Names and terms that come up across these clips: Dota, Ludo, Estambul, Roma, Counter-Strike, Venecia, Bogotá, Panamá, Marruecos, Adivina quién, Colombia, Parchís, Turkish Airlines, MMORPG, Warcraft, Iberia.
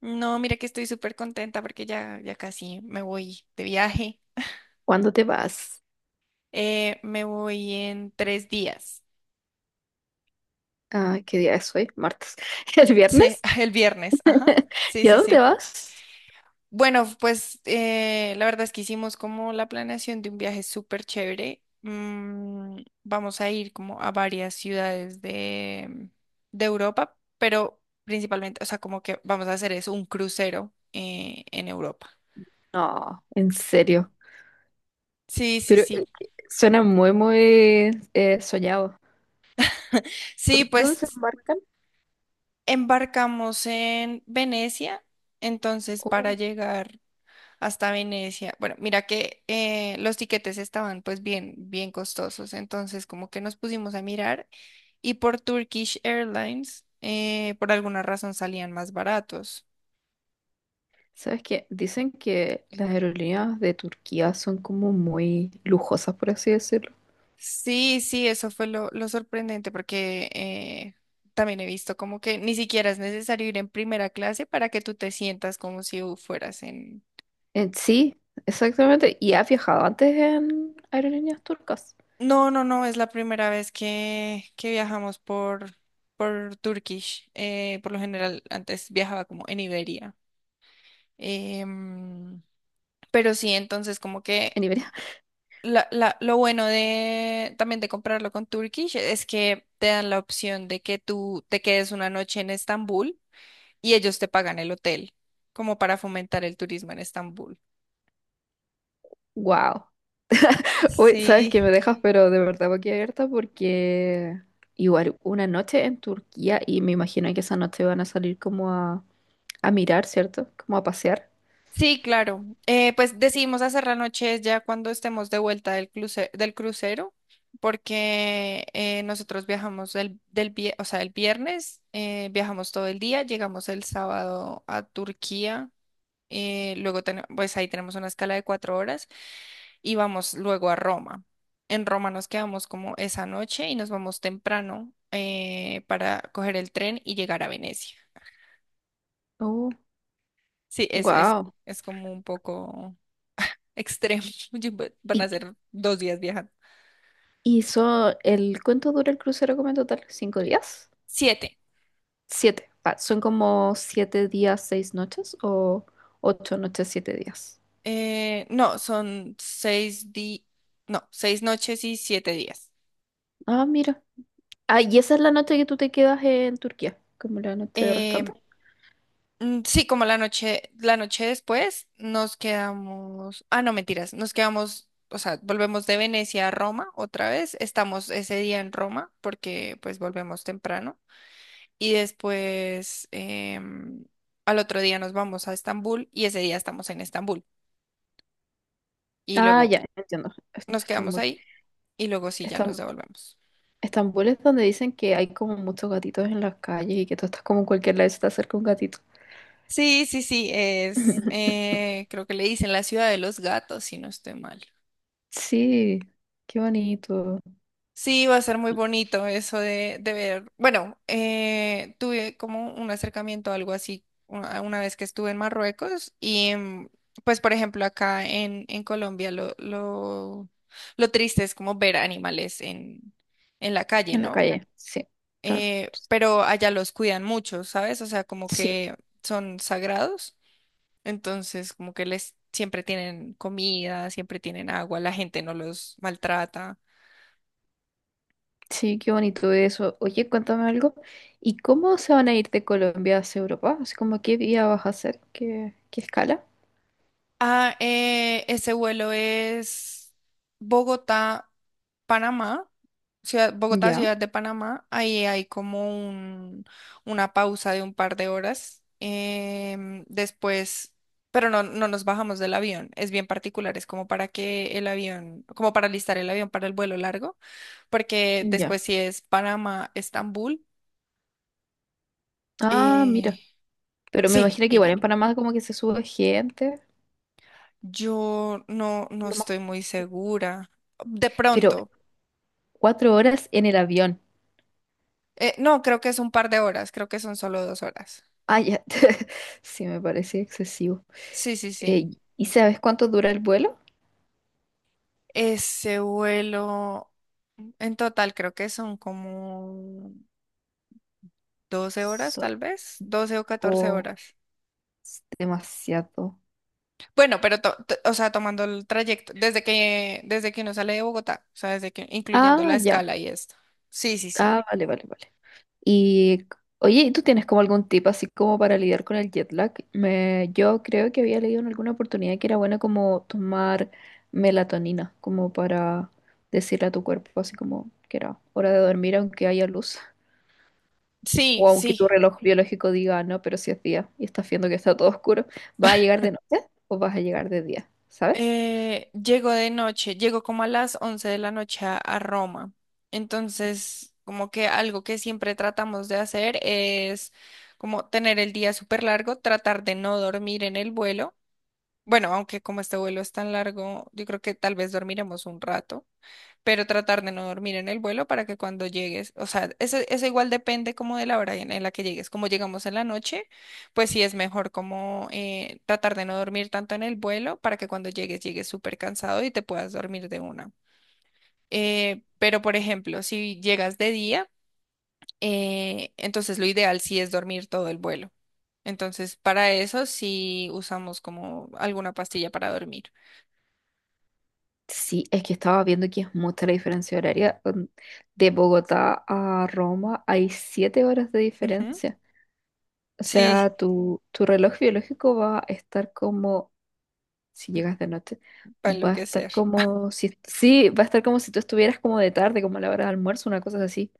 No, mira que estoy súper contenta porque ya casi me voy de viaje. ¿Cuándo te vas? Me voy en 3 días. Ah, ¿qué día es hoy? Martes. ¿El Sí, viernes? el viernes, ajá. Sí, ¿Y a sí, dónde sí. vas? Bueno, pues la verdad es que hicimos como la planeación de un viaje súper chévere. Vamos a ir como a varias ciudades de Europa, pero principalmente, o sea, como que vamos a hacer eso, un crucero en Europa. No, en serio. Sí, sí, Pero sí. Suena muy, muy, soñado. Sí, Dónde se pues. embarcan? Embarcamos en Venecia, entonces para Oh, llegar hasta Venecia. Bueno, mira que los tiquetes estaban pues bien, bien costosos, entonces como que nos pusimos a mirar y por Turkish Airlines por alguna razón salían más baratos. ¿sabes qué? Dicen que las aerolíneas de Turquía son como muy lujosas, por así decirlo. Sí, sí, eso fue lo sorprendente porque también he visto como que ni siquiera es necesario ir en primera clase para que tú te sientas como si fueras en. Sí, exactamente. ¿Y has viajado antes en aerolíneas turcas? No, no, no, es la primera vez que viajamos por Turkish. Por lo general, antes viajaba como en Iberia. Em, pero sí, entonces como que En Iberia. Lo bueno de también de comprarlo con Turkish es que te dan la opción de que tú te quedes una noche en Estambul y ellos te pagan el hotel, como para fomentar el turismo en Estambul. Wow. Uy, sabes que me Sí. dejas, pero de verdad abierta porque igual una noche en Turquía y me imagino que esa noche van a salir como a mirar, ¿cierto? Como a pasear. Sí, claro. Pues decidimos hacer la noche ya cuando estemos de vuelta del del crucero, porque nosotros viajamos o sea, el viernes, viajamos todo el día, llegamos el sábado a Turquía, luego pues ahí tenemos una escala de 4 horas y vamos luego a Roma. En Roma nos quedamos como esa noche y nos vamos temprano para coger el tren y llegar a Venecia. Oh, Sí, wow. es como un poco extremo. Yo- Van a ¿Y, ser 2 días viajando. El cuánto dura el crucero como en total? ¿Cinco días? Siete. Siete. Ah, ¿son como siete días, seis noches o ocho noches, siete días? No, son no, 6 noches y 7 días. Ah, mira. Ah, y esa es la noche que tú te quedas en Turquía, como la noche restante. Em, sí, como la noche después nos quedamos. Ah, no, mentiras, nos quedamos, o sea, volvemos de Venecia a Roma otra vez. Estamos ese día en Roma porque pues volvemos temprano. Y después al otro día nos vamos a Estambul y ese día estamos en Estambul. Y Ah, luego ya, entiendo. Nos quedamos Estambul. ahí y luego sí ya nos Estam- devolvemos. Estambul es donde dicen que hay como muchos gatitos en las calles y que tú estás como en cualquier lado y se te acerca un gatito. Sí, sí, sí, creo que le dicen la ciudad de los gatos, si no estoy mal. Sí, qué bonito. Sí, va a ser muy bonito eso de ver. Bueno, tuve como un acercamiento, algo así, una vez que estuve en Marruecos y pues, por ejemplo, acá en Colombia lo triste es como ver animales en la calle, En la ¿no? calle, sí, claro. Pero allá los cuidan mucho, ¿sabes? O sea, como Sí, que son sagrados, entonces como que les siempre tienen comida, siempre tienen agua, la gente no los maltrata. sí, qué bonito eso. Oye, cuéntame algo. ¿Y cómo se van a ir de Colombia hacia Europa? Así como, ¿qué día vas a hacer? ¿Qué, qué escala? Ah, ese vuelo es Bogotá, Panamá, ciudad, Bogotá, Ya, ciudad de Panamá. Ahí hay como un, una pausa de un par de horas. Después, pero no, no nos bajamos del avión. Es bien particular, es como para que el avión, como para listar el avión para el vuelo largo, porque ya. después sí es Panamá, Estambul. Ah, mira. eh, Pero me sí, imagino que y igual ya. en Panamá como que se sube gente. Yo no, no Lo más... estoy muy segura. De Pero pronto. cuatro horas en el avión. No, creo que es un par de horas, creo que son solo 2 horas. Ah, ya. Sí, me parece excesivo. Sí, sí, sí. Eh, ¿Y sabes cuánto dura el vuelo? Ese vuelo, en total creo que son como 12 horas, Son... tal vez, 12 o 14 o- horas. es demasiado. Bueno, pero, o sea, tomando el trayecto, desde que uno sale de Bogotá, o sea, desde que, incluyendo Ah, la ya. escala y esto. Sí, sí, sí. Ah, vale, vale, vale. Y, oye, ¿tú tienes como algún tip así como para lidiar con el jet lag? Me, yo creo que había leído en alguna oportunidad que era bueno como tomar melatonina, como para decirle a tu cuerpo así como que era hora de dormir aunque haya luz. Sí, O aunque sí. tu reloj biológico diga, no, pero si es día y estás viendo que está todo oscuro, ¿vas a llegar de noche o vas a llegar de día? ¿Sabes? Llego de noche, llego como a las 11 de la noche a Roma. Entonces, como que algo que siempre tratamos de hacer es como tener el día súper largo, tratar de no dormir en el vuelo. Bueno, aunque como este vuelo es tan largo, yo creo que tal vez dormiremos un rato pero tratar de no dormir en el vuelo para que cuando llegues, o sea, eso igual depende como de la hora en la que llegues, como llegamos en la noche, pues sí es mejor como tratar de no dormir tanto en el vuelo para que cuando llegues llegues súper cansado y te puedas dormir de una. Pero por ejemplo, si llegas de día, entonces lo ideal sí es dormir todo el vuelo. Entonces, para eso sí usamos como alguna pastilla para dormir. Sí, es que estaba viendo que es mucha la diferencia horaria. De Bogotá a Roma hay 7 horas de Ujú. diferencia. O Sí, sea, tu reloj biológico va a estar como, si llegas de noche, para va a estar enloquecer. como si, sí, va a estar como si tú estuvieras como de tarde, como a la hora de almuerzo, una cosa así.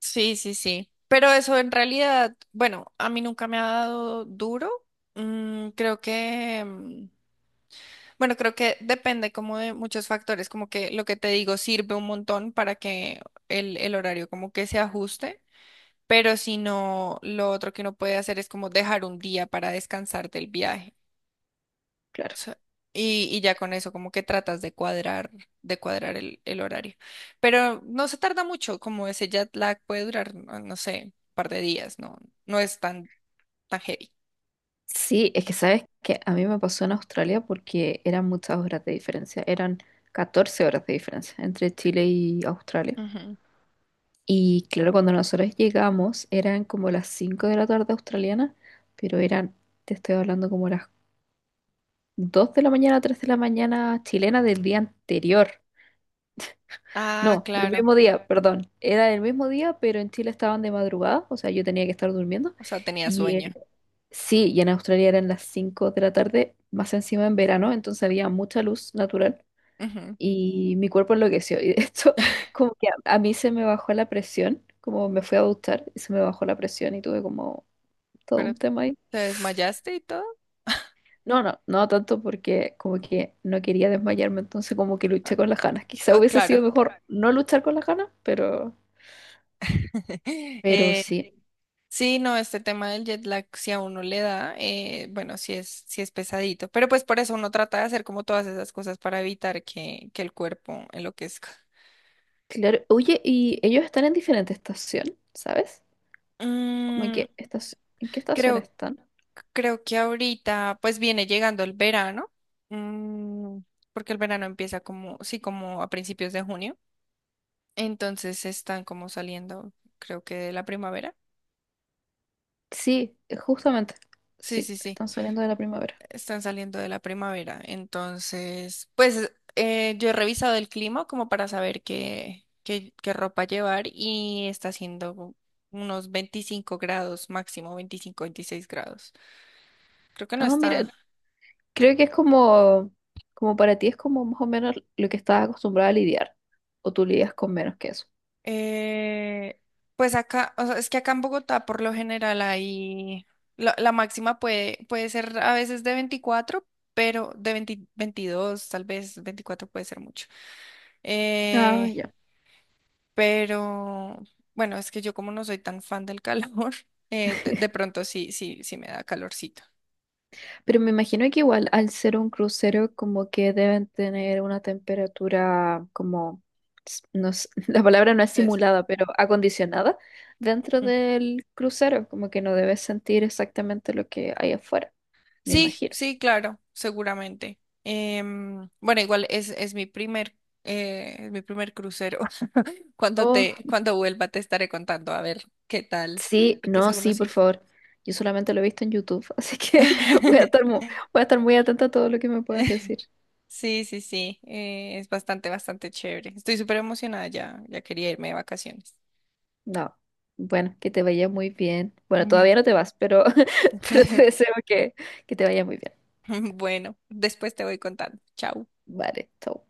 Sí, sí, sí. Pero eso en realidad, bueno, a mí nunca me ha dado duro. Creo que, bueno, creo que depende como de muchos factores, como que lo que te digo sirve un montón para que el horario como que se ajuste, pero si no, lo otro que uno puede hacer es como dejar un día para descansar del viaje Claro. sea, y ya con eso como que tratas de cuadrar, el horario. Pero no se tarda mucho, como ese jet lag puede durar, no, no sé, un par de días, no, no es tan, tan heavy. Sí, es que sabes que a mí me pasó en Australia porque eran muchas horas de diferencia, eran 14 horas de diferencia entre Chile y Australia. Ujú. Y claro, cuando nosotros llegamos eran como las 5 de la tarde australiana, pero eran, te estoy hablando como las 2 de la mañana, 3 de la mañana chilena del día anterior. Ah, No, del claro. mismo día, perdón. Era el mismo día, pero en Chile estaban de madrugada, o sea, yo tenía que estar durmiendo. O sea, tenía Y eh, sueño. sí, y en Australia eran las 5 de la tarde, más encima en verano, entonces había mucha luz natural Ujú. y mi cuerpo enloqueció. Y de hecho, como que a mí se me bajó la presión, como me fui a duchar y se me bajó la presión y tuve como todo Pero un tema ahí. te desmayaste y todo. No, no tanto porque como que no quería desmayarme, entonces como que Ah, luché con las ganas. Quizá ah, hubiese claro. sido mejor no luchar con las ganas, pero Eh, sí. sí, no, este tema del jet lag, si a uno le da, bueno, si es pesadito. Pero pues por eso uno trata de hacer como todas esas cosas para evitar que el cuerpo enloquezca. Claro, oye, y ellos están en diferente estación, ¿sabes? Como Mm, ¿en qué estación creo están? creo que ahorita pues viene llegando el verano, mm, porque el verano empieza como, sí, como a principios de junio, entonces están como saliendo, creo que de la primavera. Sí, justamente. Sí, Sí, sí, sí, están saliendo de la primavera. están saliendo de la primavera, entonces pues yo he revisado el clima como para saber qué ropa llevar y está haciendo unos 25 grados máximo, 25 26 grados. Creo que no Ah, mira, está. creo que es como, como para ti es como más o menos lo que estás acostumbrada a lidiar, o tú lidias con menos que eso. Eh, pues acá, o sea, es que acá en Bogotá por lo general hay, la máxima puede ser a veces de 24, pero de 20 22 tal vez 24 puede ser mucho. Ah, Eh, ya. pero bueno, es que yo como no soy tan fan del calor, de pronto sí, sí, sí me da calorcito. Pero me imagino que igual al ser un crucero como que deben tener una temperatura como, s- no s- la palabra no es Entonces, simulada, pero acondicionada dentro ujú. del crucero, como que no debes sentir exactamente lo que hay afuera, me Sí, imagino. sí, claro, seguramente. Bueno, igual es mi primer crucero. Oh, Cuando vuelva te estaré contando a ver qué tal, sí, porque no, seguro sí, por sí. favor. Yo solamente lo he visto en YouTube, así que voy a estar muy, voy a estar muy atenta a todo lo que me puedas decir. Sí, sí, sí, es bastante, bastante chévere. Estoy súper emocionada ya quería irme de vacaciones. No, bueno, que te vaya muy bien. Bueno, Ujú. todavía no te vas, pero, pero te deseo que te vaya muy bien. Bueno, después te voy contando. Chao. Vale, chau.